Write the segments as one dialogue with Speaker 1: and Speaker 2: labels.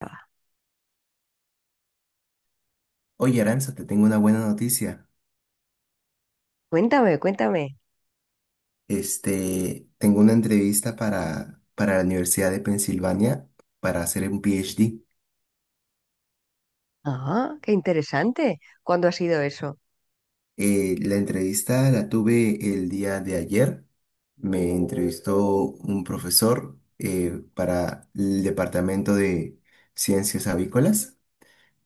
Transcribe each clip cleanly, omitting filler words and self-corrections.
Speaker 1: Ah,
Speaker 2: Oye, Aranza, te tengo una buena noticia.
Speaker 1: cuéntame, cuéntame.
Speaker 2: Tengo una entrevista para la Universidad de Pensilvania para hacer un PhD.
Speaker 1: Ah, qué interesante. ¿Cuándo ha sido eso?
Speaker 2: La entrevista la tuve el día de ayer. Me entrevistó un profesor para el Departamento de Ciencias Avícolas.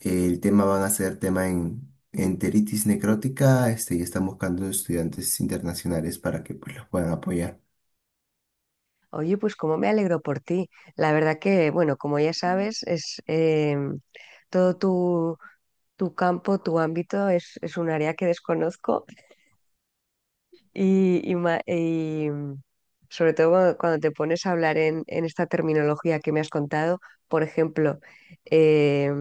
Speaker 2: El tema van a ser tema en enteritis necrótica, y están buscando estudiantes internacionales para que pues, los puedan apoyar.
Speaker 1: Oye, pues cómo me alegro por ti. La verdad que, bueno, como ya sabes, es em, todo tu campo, tu ámbito es un área que desconozco. Y sobre todo cuando te pones a hablar en esta terminología que me has contado, por ejemplo, eh,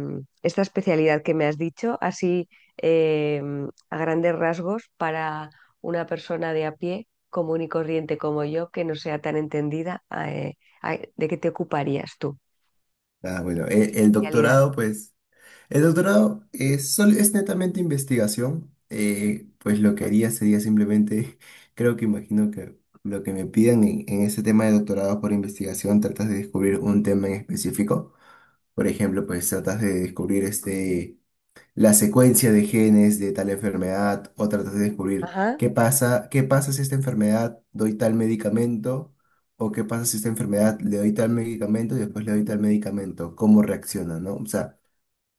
Speaker 1: esta especialidad que me has dicho, así eh, a grandes rasgos para una persona de a pie, común y corriente como yo, que no sea tan entendida, ¿de qué te ocuparías tú?
Speaker 2: Ah, bueno, el
Speaker 1: Especialidad.
Speaker 2: doctorado, pues. El doctorado es, es netamente investigación, pues lo que haría sería simplemente, creo que imagino que lo que me pidan en ese tema de doctorado por investigación, tratas de descubrir un tema en específico. Por ejemplo, pues tratas de descubrir la secuencia de genes de tal enfermedad o tratas de descubrir
Speaker 1: Ajá.
Speaker 2: qué pasa si esta enfermedad doy tal medicamento o qué pasa si esta enfermedad le doy tal medicamento y después le doy tal medicamento, cómo reacciona, ¿no? O sea...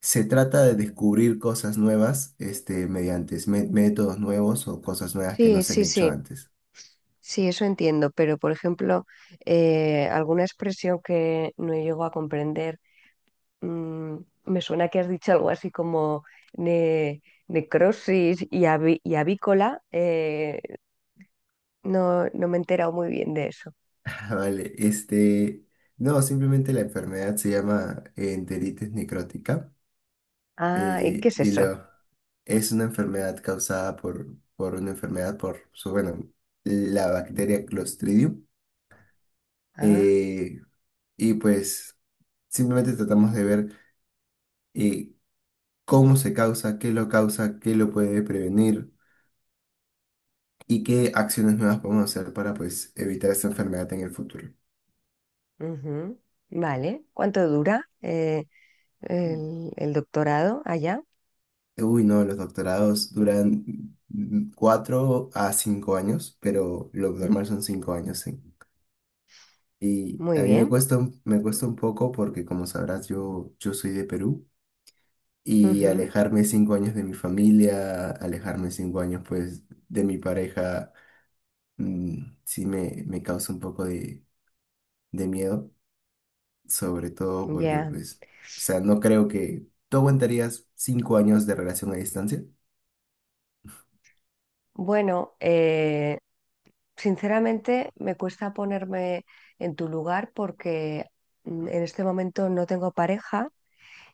Speaker 2: Se trata de descubrir cosas nuevas, mediante métodos nuevos o cosas nuevas que no
Speaker 1: Sí,
Speaker 2: se han
Speaker 1: sí,
Speaker 2: hecho
Speaker 1: sí.
Speaker 2: antes.
Speaker 1: Sí, eso entiendo, pero por ejemplo, alguna expresión que no llego a comprender. mm, Me suena que has dicho algo así como ne- necrosis y y avícola. No, no me he enterado muy bien de eso.
Speaker 2: Ah, vale, no, simplemente la enfermedad se llama enteritis necrótica.
Speaker 1: Ah, ¿y qué
Speaker 2: eh,
Speaker 1: es
Speaker 2: y
Speaker 1: eso?
Speaker 2: lo, es una enfermedad causada por una enfermedad por, bueno, la bacteria Clostridium.
Speaker 1: Ah.
Speaker 2: eh, y pues simplemente tratamos de ver eh, cómo se causa, qué lo puede prevenir. ¿Y qué acciones nuevas podemos hacer para pues evitar esta enfermedad en el futuro?
Speaker 1: Ujú. Vale. ¿Cuánto dura el doctorado allá?
Speaker 2: Uy, no, los doctorados duran 4 a 5 años, pero lo
Speaker 1: Mm.
Speaker 2: normal son 5 años, sí. Y
Speaker 1: Muy
Speaker 2: a mí me
Speaker 1: bien.
Speaker 2: cuesta, me cuesta un poco porque, como sabrás, yo soy de Perú y
Speaker 1: Ujú.
Speaker 2: alejarme 5 años de mi familia, alejarme cinco años, pues, de mi pareja, sí me causa un poco de miedo. Sobre todo porque,
Speaker 1: Ya.
Speaker 2: pues, o sea, no creo que tú aguantarías 5 años de relación a distancia.
Speaker 1: Bueno, sinceramente me cuesta ponerme en tu lugar porque en este momento no tengo pareja.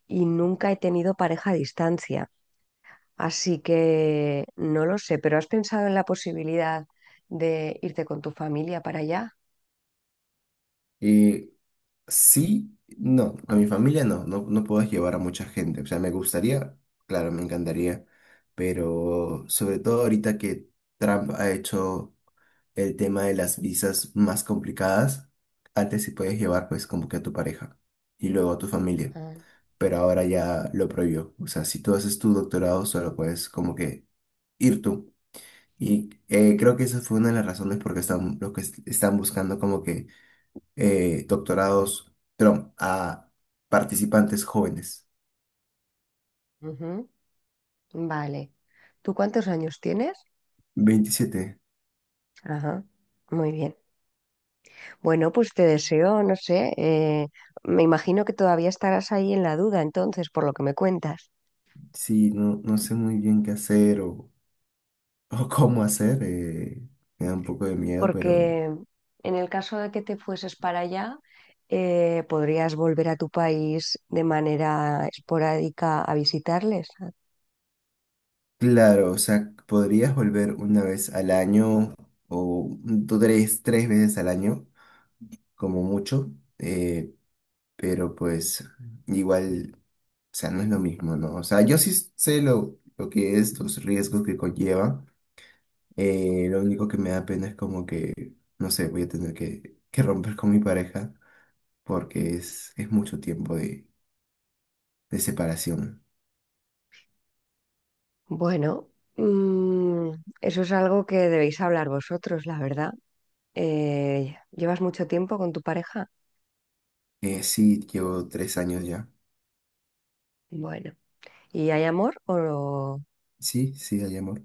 Speaker 1: Y nunca he tenido pareja a distancia, así que no lo sé, pero ¿has pensado en la posibilidad de irte con tu familia para allá?
Speaker 2: Eh, sí, no, a mi familia no puedo llevar a mucha gente. O sea, me gustaría, claro, me encantaría, pero sobre todo ahorita que Trump ha hecho el tema de las visas más complicadas, antes sí podías llevar, pues, como que a tu pareja y luego a tu familia.
Speaker 1: Ah.
Speaker 2: Pero ahora ya lo prohibió. O sea, si tú haces tu doctorado, solo puedes como que ir tú. Y creo que esa fue una de las razones por qué están, están buscando como que doctorados Trump a participantes jóvenes.
Speaker 1: Ujú. Vale. ¿Tú cuántos años tienes?
Speaker 2: 27.
Speaker 1: Ajá, muy bien. Bueno, pues te deseo, no sé, me imagino que todavía estarás ahí en la duda, entonces, por lo que me cuentas.
Speaker 2: Sí, no, no sé muy bien qué hacer o cómo hacer. Me da un poco de miedo, pero
Speaker 1: Porque en el caso de que te fueses para allá, podrías volver a tu país de manera esporádica a visitarles.
Speaker 2: claro, o sea, podrías volver una vez al año o tú tres veces al año, como mucho, eh, pero pues igual. O sea, no es lo mismo, ¿no? O sea, yo sí sé lo que es, los riesgos que conlleva. Lo único que me da pena es como que, no sé, voy a tener que romper con mi pareja porque es mucho tiempo de separación.
Speaker 1: Bueno, mm, eso es algo que debéis hablar vosotros, la verdad. ¿Llevas mucho tiempo con tu pareja?
Speaker 2: Sí, llevo 3 años ya.
Speaker 1: Bueno, ¿y hay amor o?
Speaker 2: Sí, sí, hay amor.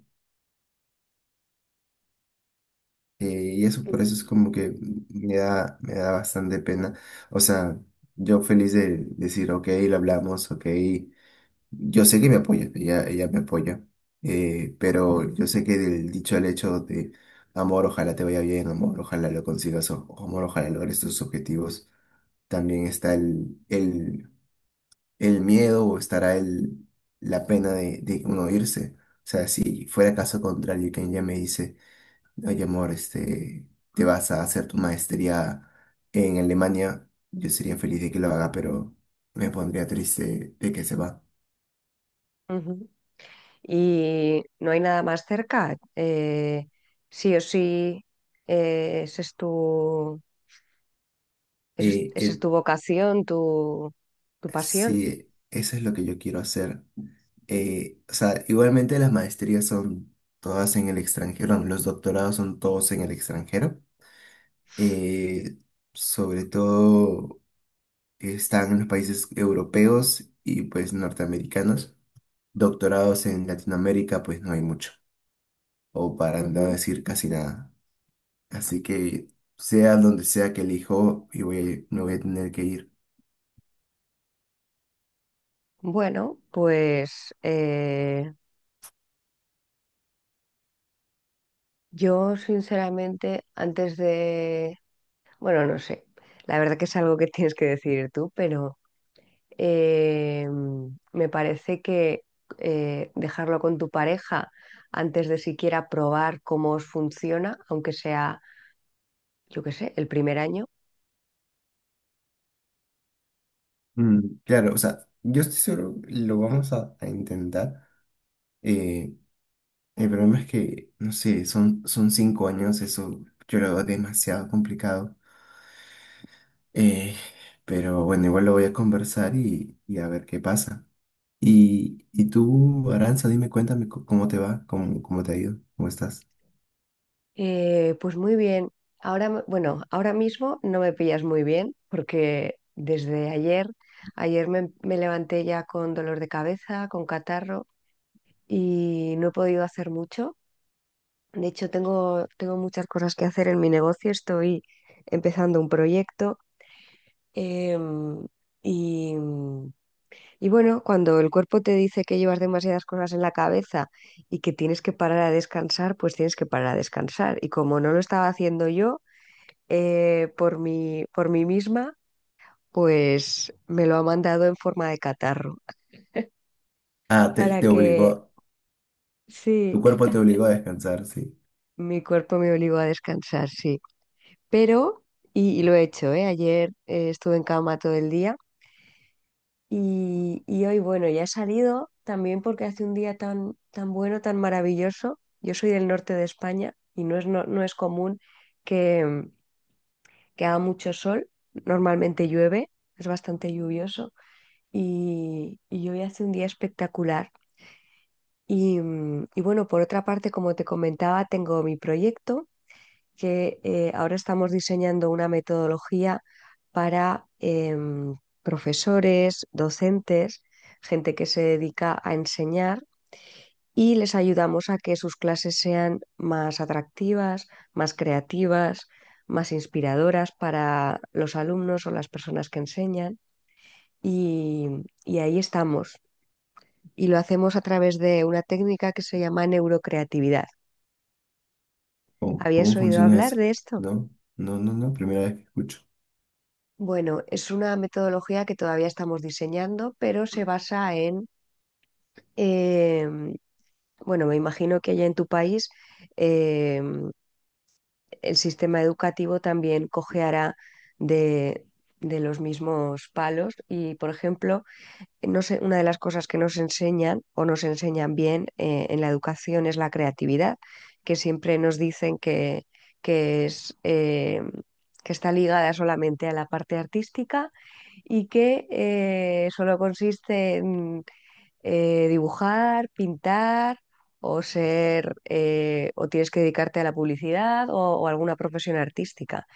Speaker 2: Y eso, por eso
Speaker 1: Mm.
Speaker 2: es como que me da bastante pena. O sea, yo feliz de decir, ok, lo hablamos, ok, yo sé que me apoya, ella me apoya, pero yo sé que del dicho al hecho de amor, ojalá te vaya bien, amor, ojalá lo consigas, o, amor, ojalá logres tus objetivos, también está el miedo o estará el, la pena de uno irse. O sea, si fuera caso contrario, y que ella me dice, oye, amor, te vas a hacer tu maestría en Alemania, yo sería feliz de que lo haga, pero me pondría triste de que se va.
Speaker 1: Ujú. ¿Y no hay nada más cerca? Sí o sí, ese es tu. Eso es, esa es
Speaker 2: Eh,
Speaker 1: tu vocación, tu pasión.
Speaker 2: Sí, eso es lo que yo quiero hacer. O sea, igualmente las maestrías son todas en el extranjero, bueno, los doctorados son todos en el extranjero. Eh, sobre todo están en los países europeos y pues norteamericanos. Doctorados en Latinoamérica pues no hay mucho, o para no
Speaker 1: Ujú.
Speaker 2: decir casi nada. Así que sea donde sea que elijo, y voy, me voy a tener que ir.
Speaker 1: Bueno, pues yo sinceramente antes de, bueno, no sé, la verdad que es algo que tienes que decidir tú, pero eh, me parece que dejarlo con tu pareja antes de siquiera probar cómo os funciona, aunque sea, yo qué sé, el primer año.
Speaker 2: Mm, claro, o sea, yo estoy seguro, lo vamos a intentar. Eh, el problema es que, no sé, son 5 años, eso yo lo veo demasiado complicado. Eh, pero bueno, igual lo voy a conversar y a ver qué pasa. Y tú, Aranza, dime, cuéntame cómo te va, cómo, cómo te ha ido, cómo estás.
Speaker 1: Pues muy bien. Ahora, bueno, ahora mismo no me pillas muy bien porque desde ayer me levanté ya con dolor de cabeza, con catarro y no he podido hacer mucho. De hecho, tengo muchas cosas que hacer en mi negocio. Estoy empezando un proyecto em, y, y bueno, cuando el cuerpo te dice que llevas demasiadas cosas en la cabeza y que tienes que parar a descansar, pues tienes que parar a descansar. Y como no lo estaba haciendo yo, por mí misma, pues me lo ha mandado en forma de catarro.
Speaker 2: Ah,
Speaker 1: Para
Speaker 2: te
Speaker 1: que,
Speaker 2: obligó, tu
Speaker 1: sí.
Speaker 2: cuerpo te obligó a descansar, sí.
Speaker 1: Mi cuerpo me obligó a descansar, sí. Pero, y lo he hecho, ¿eh? Ayer estuve en cama todo el día y hoy, bueno, ya he salido también porque hace un día tan, bueno, tan maravilloso. Yo soy del norte de España y no es común que, que haga mucho sol. Normalmente llueve, es bastante lluvioso. Y hoy hace un día espectacular. Y bueno, por otra parte, como te comentaba, tengo mi proyecto que ahora estamos diseñando una metodología para profesores, docentes, gente que se dedica a enseñar y les ayudamos a que sus clases sean más atractivas, más creativas, más inspiradoras para los alumnos o las personas que enseñan. Y, y ahí estamos. Y lo hacemos a través de una técnica que se llama neurocreatividad.
Speaker 2: ¿Cómo, cómo
Speaker 1: ¿Habías oído
Speaker 2: funciona eso?
Speaker 1: hablar de esto?
Speaker 2: No, no, primera vez que escucho.
Speaker 1: Bueno, es una metodología que todavía estamos diseñando, pero se basa en, eh, bueno, me imagino que allá en tu país eh, el sistema educativo también cojeará de, de los mismos palos y, por ejemplo, no sé, una de las cosas que nos enseñan o nos enseñan bien en la educación es la creatividad, que siempre nos dicen que es, que está ligada solamente a la parte artística y que solo consiste en dibujar, pintar o ser o tienes que dedicarte a la publicidad o alguna profesión artística.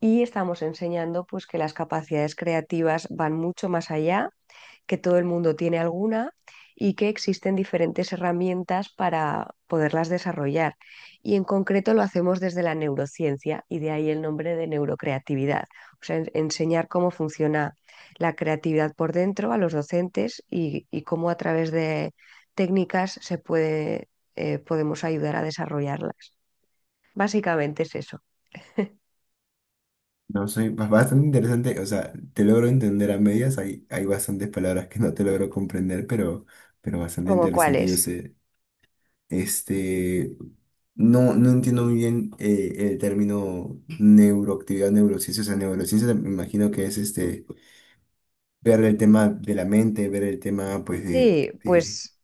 Speaker 1: Y estamos enseñando pues que las capacidades creativas van mucho más allá, que todo el mundo tiene alguna y que existen diferentes herramientas para poderlas desarrollar. Y en concreto lo hacemos desde la neurociencia y de ahí el nombre de neurocreatividad, o sea, enseñar cómo funciona la creatividad por dentro a los docentes y, cómo a través de técnicas se puede, podemos ayudar a desarrollarlas. Básicamente es eso.
Speaker 2: No sé, bastante interesante, o sea, te logro entender a medias, hay bastantes palabras que no te logro comprender, pero bastante
Speaker 1: ¿Como
Speaker 2: interesante,
Speaker 1: cuáles?
Speaker 2: yo sé. Este, no, no entiendo muy bien el término neuroactividad, neurociencia, o sea, neurociencia me imagino que es este, ver el tema de la mente, ver el tema, pues,
Speaker 1: Sí,
Speaker 2: de-
Speaker 1: pues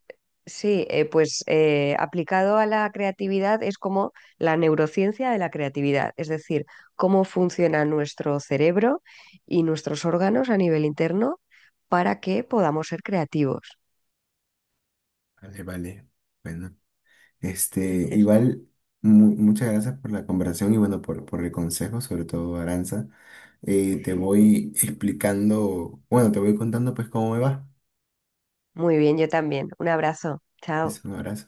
Speaker 1: sí, pues aplicado a la creatividad es como la neurociencia de la creatividad, es decir, cómo funciona nuestro cerebro y nuestros órganos a nivel interno para que podamos ser creativos.
Speaker 2: Vale, vale, bueno, igual, muchas gracias por la conversación y bueno, por el consejo, sobre todo, Aranza. Te voy explicando, bueno, te voy contando pues cómo me va.
Speaker 1: Muy bien, yo también. Un abrazo. Chao.
Speaker 2: Es un abrazo.